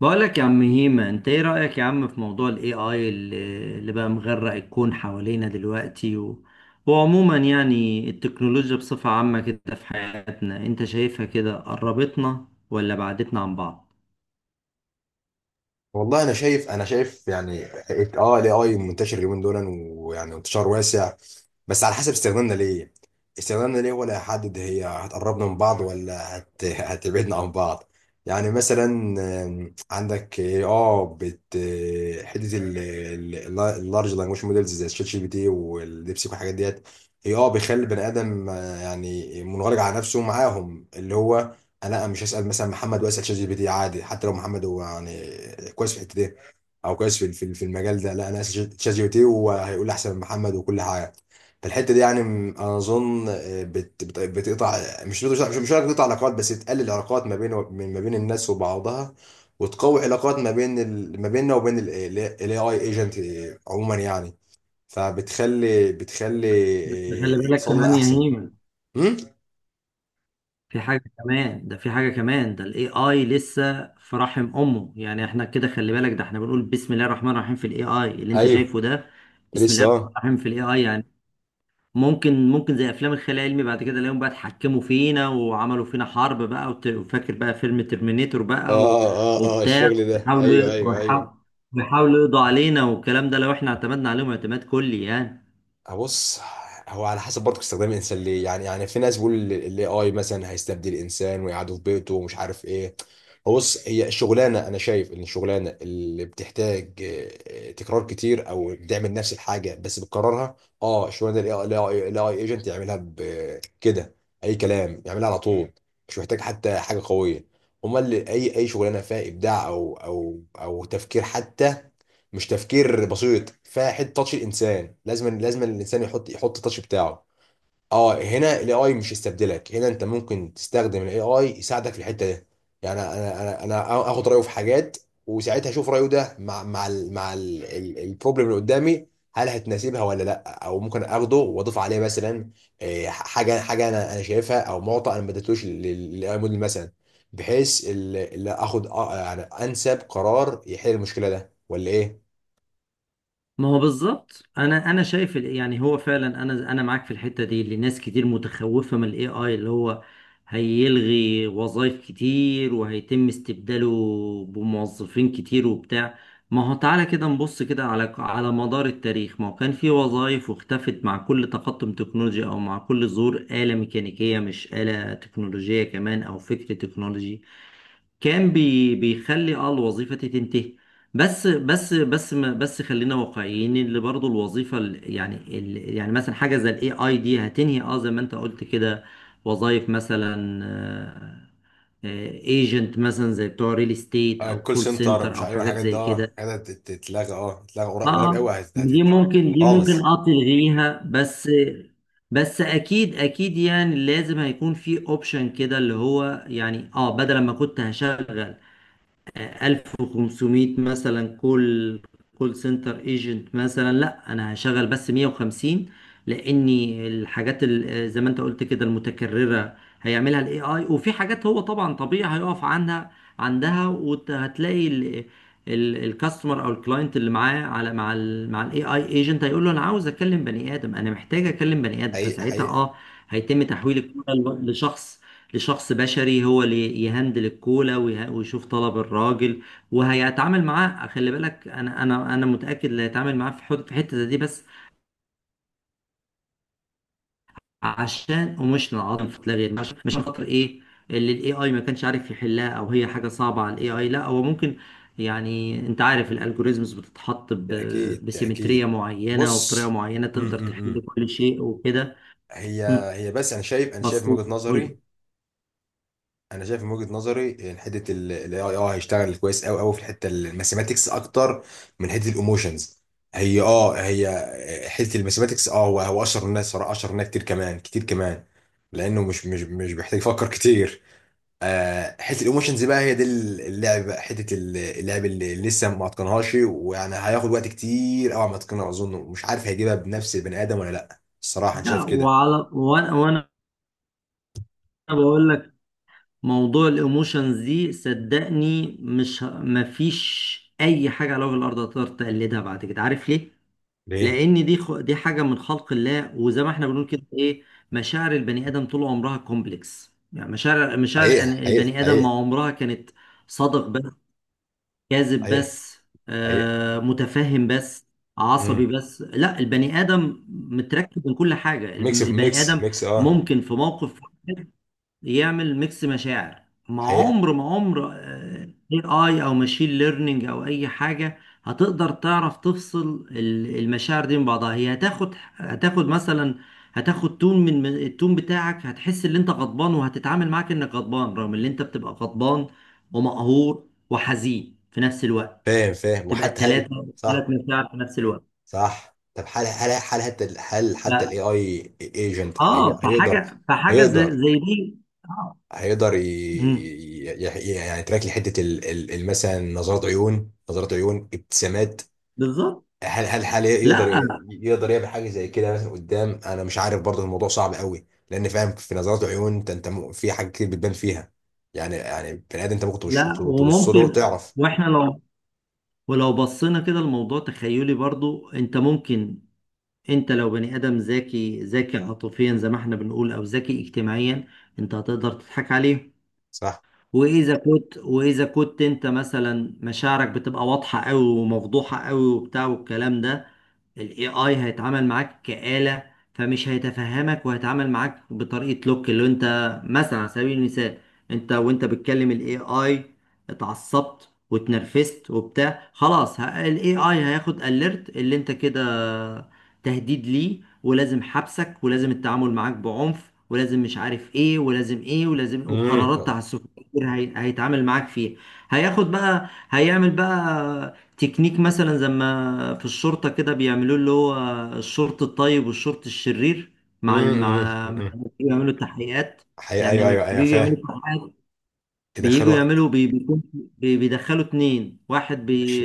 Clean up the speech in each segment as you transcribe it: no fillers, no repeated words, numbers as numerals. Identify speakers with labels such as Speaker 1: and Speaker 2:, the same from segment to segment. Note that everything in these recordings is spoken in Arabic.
Speaker 1: بقولك يا عم هيما، انت ايه رأيك يا عم في موضوع الاي اي اللي بقى مغرق الكون حوالينا دلوقتي وعموما يعني التكنولوجيا بصفة عامة كده في حياتنا، انت شايفها كده قربتنا ولا بعدتنا عن بعض؟
Speaker 2: والله انا شايف، يعني، الاي اي منتشر اليومين دول، ويعني انتشار واسع. بس على حسب استخدامنا ليه، ولا هيحدد، هي هتقربنا من بعض ولا هتبعدنا عن بعض. يعني مثلا، عندك اه بت آه، حته اللارج لانجوج موديلز زي الشات جي بي تي والديبسيك والحاجات ديت. هي بيخلي البني ادم يعني منغلق على نفسه معاهم، اللي هو لا، مش هسأل مثلا محمد واسأل شات جي بي تي عادي، حتى لو محمد هو يعني كويس في الحتة دي، او كويس في المجال ده. لا، انا هسأل شات جي بي تي وهيقول لي احسن من محمد وكل حاجة. فالحتة دي يعني، انا اظن بت بت بتقطع. مش هقول لك بتقطع علاقات، بس تقلل العلاقات ما بين، الناس وبعضها، وتقوي علاقات ما بين ما بيننا وبين الاي اي ايجنت، عموما يعني. بتخلي
Speaker 1: بس خلي بالك
Speaker 2: اتصالنا
Speaker 1: كمان يا
Speaker 2: احسن.
Speaker 1: هيمن،
Speaker 2: امم.
Speaker 1: في حاجة كمان ده الاي اي لسه في رحم امه. يعني احنا كده خلي بالك، ده احنا بنقول بسم الله الرحمن الرحيم في الاي اي اللي انت
Speaker 2: ايوه.
Speaker 1: شايفه ده، بسم
Speaker 2: لسه،
Speaker 1: الله الرحمن
Speaker 2: اه.
Speaker 1: الرحيم في الاي اي. يعني ممكن زي افلام الخيال العلمي بعد كده الاقيهم بقى اتحكموا فينا وعملوا فينا حرب بقى، وفاكر بقى فيلم ترمينيتور بقى
Speaker 2: اه، اه، اه،
Speaker 1: وبتاع،
Speaker 2: الشغل ده، ايوه،
Speaker 1: ويحاولوا
Speaker 2: ايوه، ايوه.
Speaker 1: ويحاولوا، ويحاولوا يقضوا علينا والكلام ده، لو احنا اعتمدنا عليهم اعتماد كلي يعني.
Speaker 2: بص. هو على حسب برضه استخدام الانسان ليه، يعني في ناس بيقول الاي اي مثلا هيستبدل الانسان ويقعدوا في بيته ومش عارف ايه. هو بص، هي الشغلانه، انا شايف ان الشغلانه اللي بتحتاج تكرار كتير، او بتعمل نفس الحاجه بس بتكررها، اه الشغلانه دي الاي اي ايجنت يعملها كده. اي كلام، يعملها على طول. مش محتاج حتى حاجه قويه. امال اي اي شغلانه فيها ابداع او تفكير، حتى مش تفكير بسيط، فيها حته تاتش الانسان، لازم الانسان يحط التاتش بتاعه. اه هنا الاي اي مش يستبدلك، هنا انت ممكن تستخدم الاي اي يساعدك في الحته دي. يعني انا اخد رايه في حاجات، وساعتها اشوف رايه ده مع البروبلم اللي قدامي، هل هتناسبها ولا لا، او ممكن اخده واضيف عليه مثلا حاجه انا شايفها، او معطى انا ما اديتوش للاي موديل مثلا، بحيث اللي اخد يعني انسب قرار يحل المشكله ده ولا ايه.
Speaker 1: ما هو بالظبط، انا شايف يعني هو فعلا انا معاك في الحته دي، اللي ناس كتير متخوفه من الاي اي، اللي هو هيلغي وظائف كتير وهيتم استبداله بموظفين كتير وبتاع. ما هو تعالى كده نبص كده على مدار التاريخ، ما هو كان في وظائف واختفت مع كل تقدم تكنولوجي، او مع كل ظهور آلة ميكانيكيه، مش آلة تكنولوجيه كمان، او فكر تكنولوجي كان بيخلي الوظيفة تنتهي. بس بس بس ما بس خلينا واقعيين، اللي برضو الوظيفة يعني يعني مثلا حاجة زي الاي اي دي هتنهي، زي ما انت قلت كده، وظائف مثلا، ايجنت مثلا زي بتوع ريل استيت، او
Speaker 2: الكول
Speaker 1: كول
Speaker 2: سنتر،
Speaker 1: سنتر،
Speaker 2: مش
Speaker 1: او
Speaker 2: عارف
Speaker 1: حاجات
Speaker 2: الحاجات ده،
Speaker 1: زي كده.
Speaker 2: الحاجات دي تتلغى، تتلغى، قريب
Speaker 1: اه
Speaker 2: قوي، هت-
Speaker 1: دي
Speaker 2: هتت
Speaker 1: ممكن دي ممكن
Speaker 2: خالص.
Speaker 1: تلغيها، بس بس اكيد اكيد يعني لازم هيكون في اوبشن كده، اللي هو يعني، بدل ما كنت هشغل 1500 مثلا كول سنتر ايجنت مثلا، لا انا هشغل بس 150، لاني الحاجات زي ما انت قلت كده المتكررة هيعملها الاي اي. وفي حاجات هو طبعا طبيعي هيقف عندها، وهتلاقي الكاستمر او الكلاينت اللي معاه على مع الاي اي ايجنت هيقول له انا عاوز اكلم بني ادم، انا محتاج اكلم بني ادم.
Speaker 2: حقيقي،
Speaker 1: فساعتها
Speaker 2: حقيقي.
Speaker 1: هيتم تحويل الكوره لشخص بشري، هو اللي يهندل الكولا ويشوف طلب الراجل وهيتعامل معاه. خلي بالك، انا متاكد اللي هيتعامل معاه في في الحته دي بس عشان ايموشنال عدم فتلاغي، مش عشان خاطر ايه؟ اللي الاي اي ما كانش عارف يحلها، او هي حاجه صعبه على الاي اي. لا، هو ممكن، يعني انت عارف الالجوريزمز بتتحط
Speaker 2: تأكيد،
Speaker 1: بسيمتريه
Speaker 2: تأكيد.
Speaker 1: معينه
Speaker 2: بص.
Speaker 1: وبطريقه معينه، تقدر تحل
Speaker 2: امم
Speaker 1: كل شيء وكده.
Speaker 2: هي
Speaker 1: مم.
Speaker 2: هي، بس انا شايف من
Speaker 1: بسيط.
Speaker 2: وجهة
Speaker 1: قول.
Speaker 2: نظري، انا شايف من وجهة نظري ان حته الاي اي هيشتغل كويس قوي قوي في الحته الماثيماتكس اكتر من حته الايموشنز. هي حته الماثيماتكس، هو اشهر الناس صراحه، اشهر الناس كتير كمان، كتير كمان، لانه مش بيحتاج يفكر كتير. حته الايموشنز بقى، هي دي اللعب بقى، حته اللعب اللي لسه ما اتقنهاش، ويعني هياخد وقت كتير قوي ما اتقنها، اظن مش عارف هيجيبها بنفس البني ادم ولا لا، الصراحه انا
Speaker 1: لا،
Speaker 2: شايف كده.
Speaker 1: وانا بقول لك، موضوع الايموشنز دي صدقني، مش ه- مفيش اي حاجه على وجه الارض هتقدر تقلدها بعد كده. عارف ليه؟
Speaker 2: ليه؟
Speaker 1: لان دي حاجه من خلق الله، وزي ما احنا بنقول كده ايه، مشاعر البني ادم طول عمرها كومبلكس. يعني مشاعر
Speaker 2: حقيقه، حقيقه،
Speaker 1: البني ادم ما
Speaker 2: حقيقه.
Speaker 1: عمرها كانت صادق بس، كاذب
Speaker 2: حقيقه،
Speaker 1: بس،
Speaker 2: حقيقه.
Speaker 1: متفهم بس، عصبي
Speaker 2: امم
Speaker 1: بس. لا، البني ادم متركب من كل حاجه.
Speaker 2: ميكس،
Speaker 1: البني
Speaker 2: ميكس،
Speaker 1: ادم
Speaker 2: ميكس، اه.
Speaker 1: ممكن في موقف يعمل ميكس مشاعر. ما
Speaker 2: حقيقه.
Speaker 1: عمر ما عمر اي اي او ماشين ليرنينج او اي حاجه هتقدر تعرف تفصل المشاعر دي من بعضها. هي هتاخد مثلا، هتاخد تون من التون بتاعك، هتحس ان انت غضبان وهتتعامل معاك انك غضبان، رغم ان انت بتبقى غضبان ومقهور وحزين في نفس الوقت.
Speaker 2: فاهم، فاهم.
Speaker 1: تبقى
Speaker 2: وحتى
Speaker 1: التلاتة،
Speaker 2: هل؟ صح،
Speaker 1: مشاعر في نفس الوقت.
Speaker 2: صح. طب هل
Speaker 1: ف...
Speaker 2: حتى الاي اي ايجنت
Speaker 1: اه
Speaker 2: هيقدر
Speaker 1: فحاجه
Speaker 2: هيقدر
Speaker 1: زي دي. اه.
Speaker 2: هيقدر
Speaker 1: مم.
Speaker 2: يعني يتراك لي حته، مثلا نظرات عيون، نظرات عيون، ابتسامات؟
Speaker 1: بالظبط.
Speaker 2: هل يقدر؟
Speaker 1: لا.
Speaker 2: يعمل حاجه زي كده مثلا قدام؟ انا مش عارف برضه، الموضوع صعب قوي، لان فاهم في نظرات العيون، انت، في حاجات كتير بتبان فيها. يعني بني ادم انت ممكن تبص،
Speaker 1: لا،
Speaker 2: تبص له
Speaker 1: وممكن،
Speaker 2: تعرف.
Speaker 1: واحنا لو، ولو بصينا كده الموضوع تخيلي برضو. انت لو بني ادم ذكي ذكي عاطفيا زي ما احنا بنقول، او ذكي اجتماعيا، انت هتقدر تضحك عليه.
Speaker 2: صح.
Speaker 1: واذا كنت انت مثلا مشاعرك بتبقى واضحه قوي ومفضوحه قوي وبتاع والكلام ده، الاي اي هيتعامل معاك كآلة، فمش هيتفهمك، وهيتعامل معاك بطريقة لوك اللي انت مثلا. على سبيل المثال، انت وانت بتكلم الاي اي، اتعصبت واتنرفزت وبتاع، خلاص الاي اي هياخد اليرت اللي انت كده تهديد ليه، ولازم حبسك، ولازم التعامل معاك بعنف، ولازم مش عارف ايه، ولازم ايه، ولازم
Speaker 2: امم،
Speaker 1: وقرارات تعسفيه كتير هيتعامل معاك فيه. هياخد بقى هيعمل بقى تكنيك، مثلا زي ما في الشرطة كده بيعملوه، اللي هو الشرط الطيب والشرط الشرير. مع ال...
Speaker 2: امم،
Speaker 1: مع مع-
Speaker 2: امم.
Speaker 1: بيعملوا تحقيقات.
Speaker 2: حقيقة،
Speaker 1: يعني
Speaker 2: ايوه،
Speaker 1: لما
Speaker 2: ايوه، ايوه،
Speaker 1: بييجوا يعملوا
Speaker 2: فاهم.
Speaker 1: تحقيقات،
Speaker 2: يدخلوا
Speaker 1: بيدخلوا اتنين،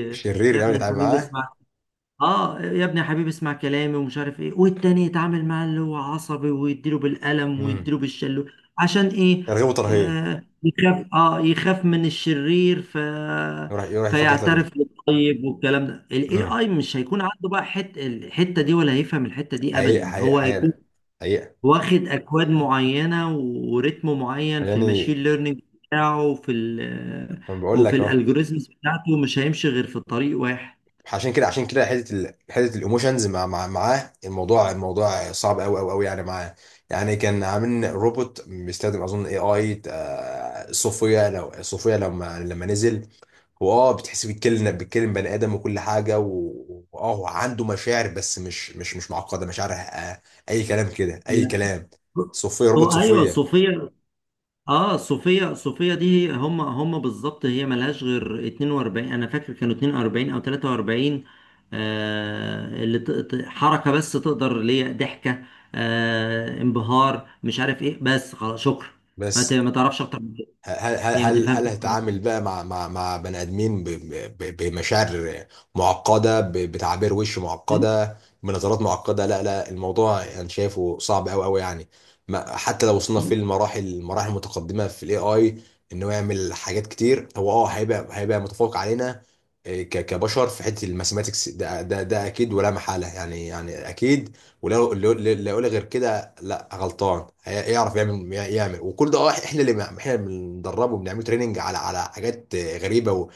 Speaker 1: يا
Speaker 2: شرير قوي
Speaker 1: ابني
Speaker 2: يتعامل
Speaker 1: الحميد
Speaker 2: معاه.
Speaker 1: اسمع، اه يا ابني يا حبيبي اسمع كلامي ومش عارف ايه. والتاني يتعامل معاه اللي هو عصبي، ويديله بالقلم
Speaker 2: امم
Speaker 1: ويديله بالشلو. عشان ايه؟
Speaker 2: ترغيب وترهيب.
Speaker 1: يخاف، يخاف من الشرير،
Speaker 2: يروح، يفضل.
Speaker 1: فيعترف للطيب والكلام ده. الاي اي مش هيكون عنده بقى الحته دي، ولا هيفهم الحته دي
Speaker 2: حقيقة،
Speaker 1: ابدا.
Speaker 2: حقيقة،
Speaker 1: هو هيكون
Speaker 2: حقيقة، حقيقة.
Speaker 1: واخد اكواد معينه وريتم معين في
Speaker 2: يعني،
Speaker 1: الماشين ليرنينج بتاعه،
Speaker 2: ما بقول لك
Speaker 1: وفي
Speaker 2: اهو.
Speaker 1: الالجوريزمز بتاعته مش هيمشي غير في طريق واحد.
Speaker 2: عشان كده حته حته الايموشنز، مع... مع معاه الموضوع صعب قوي قوي قوي يعني معاه. يعني كان عاملين روبوت بيستخدم اظن اي اي، صوفيا. لو صوفيا لما نزل، هو بتحس بيتكلم، بني ادم وكل حاجه، و- واه هو عنده مشاعر، بس مش معقده مشاعر، اي كلام كده، اي
Speaker 1: لا.
Speaker 2: كلام. صوفيا، روبوت
Speaker 1: هو ايوه،
Speaker 2: صوفيا.
Speaker 1: صوفيا. صوفيا دي، هم بالظبط، هي ملهاش غير 42، انا فاكر كانوا 42 او 43، اللي حركه بس تقدر، اللي هي ضحكه، انبهار، مش عارف ايه، بس خلاص شكرا.
Speaker 2: بس
Speaker 1: ما تعرفش اكتر من كده، هي ما تفهمش
Speaker 2: هل هتعامل بقى مع مع مع بني ادمين، بمشاعر معقده، بتعابير وش معقده، بنظرات معقده؟ لا، لا، الموضوع انا شايفه صعب قوي قوي يعني. ما حتى لو وصلنا في المراحل، المتقدمه في الاي اي، ان هو يعمل حاجات كتير، هو هيبقى، متفوق علينا، كبشر في حته الماثيماتكس، ده اكيد ولا محاله، يعني اكيد. ولا اللي يقول غير كده، لا، غلطان. يعرف يعمل، وكل ده، احنا اللي بندربه، بنعمله تريننج على حاجات غريبه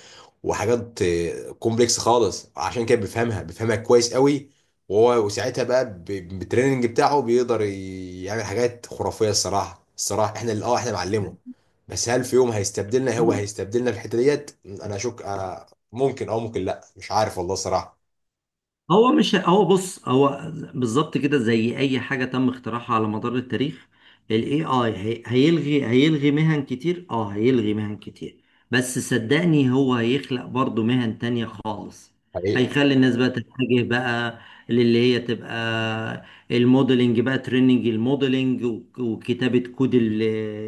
Speaker 2: وحاجات كومبلكس خالص، عشان كده بيفهمها، كويس قوي. وساعتها بقى، بالتريننج بتاعه بيقدر يعمل حاجات خرافيه. الصراحه، احنا اللي، احنا بنعلمه. بس هل في يوم هيستبدلنا؟ هو
Speaker 1: أكتر.
Speaker 2: هيستبدلنا في الحته ديت، انا اشك، أنا. ممكن او ممكن لا، مش عارف والله صراحه.
Speaker 1: هو مش هو بص هو بالظبط كده، زي اي حاجه تم اختراعها على مدار التاريخ، الاي اي هيلغي مهن كتير، هيلغي مهن كتير، بس صدقني هو هيخلق برضو مهن تانية خالص.
Speaker 2: حقيقة.
Speaker 1: هيخلي الناس بقى تتجه بقى للي هي تبقى الموديلنج، بقى تريننج الموديلنج وكتابة كود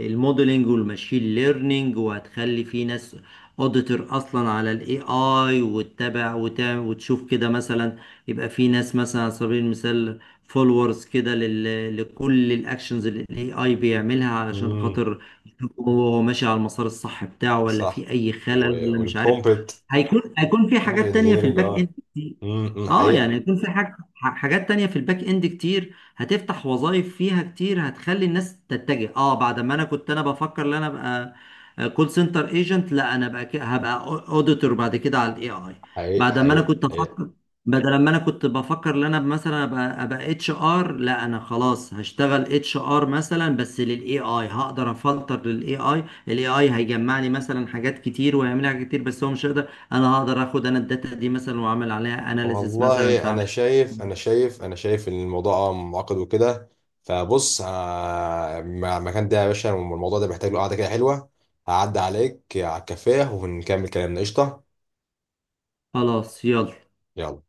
Speaker 1: الموديلنج والماشين ليرنينج. وهتخلي في ناس اوديتور اصلا على الاي اي، وتتابع وتعمل وتشوف كده مثلا، يبقى في ناس مثلا على سبيل المثال فولورز كده لكل الاكشنز اللي الاي اي بيعملها علشان
Speaker 2: امم.
Speaker 1: خاطر يشوف هو ماشي على المسار الصح بتاعه، ولا
Speaker 2: صح.
Speaker 1: في اي خلل، ولا مش عارف.
Speaker 2: والبرومبت،
Speaker 1: هيكون في
Speaker 2: برومبت
Speaker 1: حاجات تانية في
Speaker 2: انجينيرنج.
Speaker 1: الباك اند.
Speaker 2: اه امم، إمم،
Speaker 1: اه يعني
Speaker 2: حقيقة.
Speaker 1: يكون في حاجات تانية في الباك اند كتير، هتفتح وظائف فيها كتير، هتخلي الناس تتجه. اه بعد ما انا كنت بفكر ان انا ابقى كول سنتر ايجنت، لا انا بقى هبقى اوديتور بعد كده على الاي اي.
Speaker 2: حقيقة،
Speaker 1: بعد ما انا
Speaker 2: حقيقة،
Speaker 1: كنت
Speaker 2: حقيقة.
Speaker 1: افكر بدل ما انا كنت بفكر ان انا مثلا ابقى اتش ار، لا انا خلاص هشتغل اتش ار مثلا. بس للاي اي هقدر افلتر، للاي اي الاي اي هيجمعني مثلا حاجات كتير ويعمل لي حاجات كتير، بس هو مش هيقدر. انا هقدر اخد انا الداتا دي مثلا واعمل عليها اناليسيس مثلا
Speaker 2: والله انا
Speaker 1: فاعمل.
Speaker 2: شايف، انا شايف ان الموضوع معقد وكده. فبص، مع المكان ده يا باشا، الموضوع ده محتاج له قعدة كده حلوة. هعدي عليك على الكافيه ونكمل كلامنا. قشطة.
Speaker 1: خلاص يلا.
Speaker 2: يلا.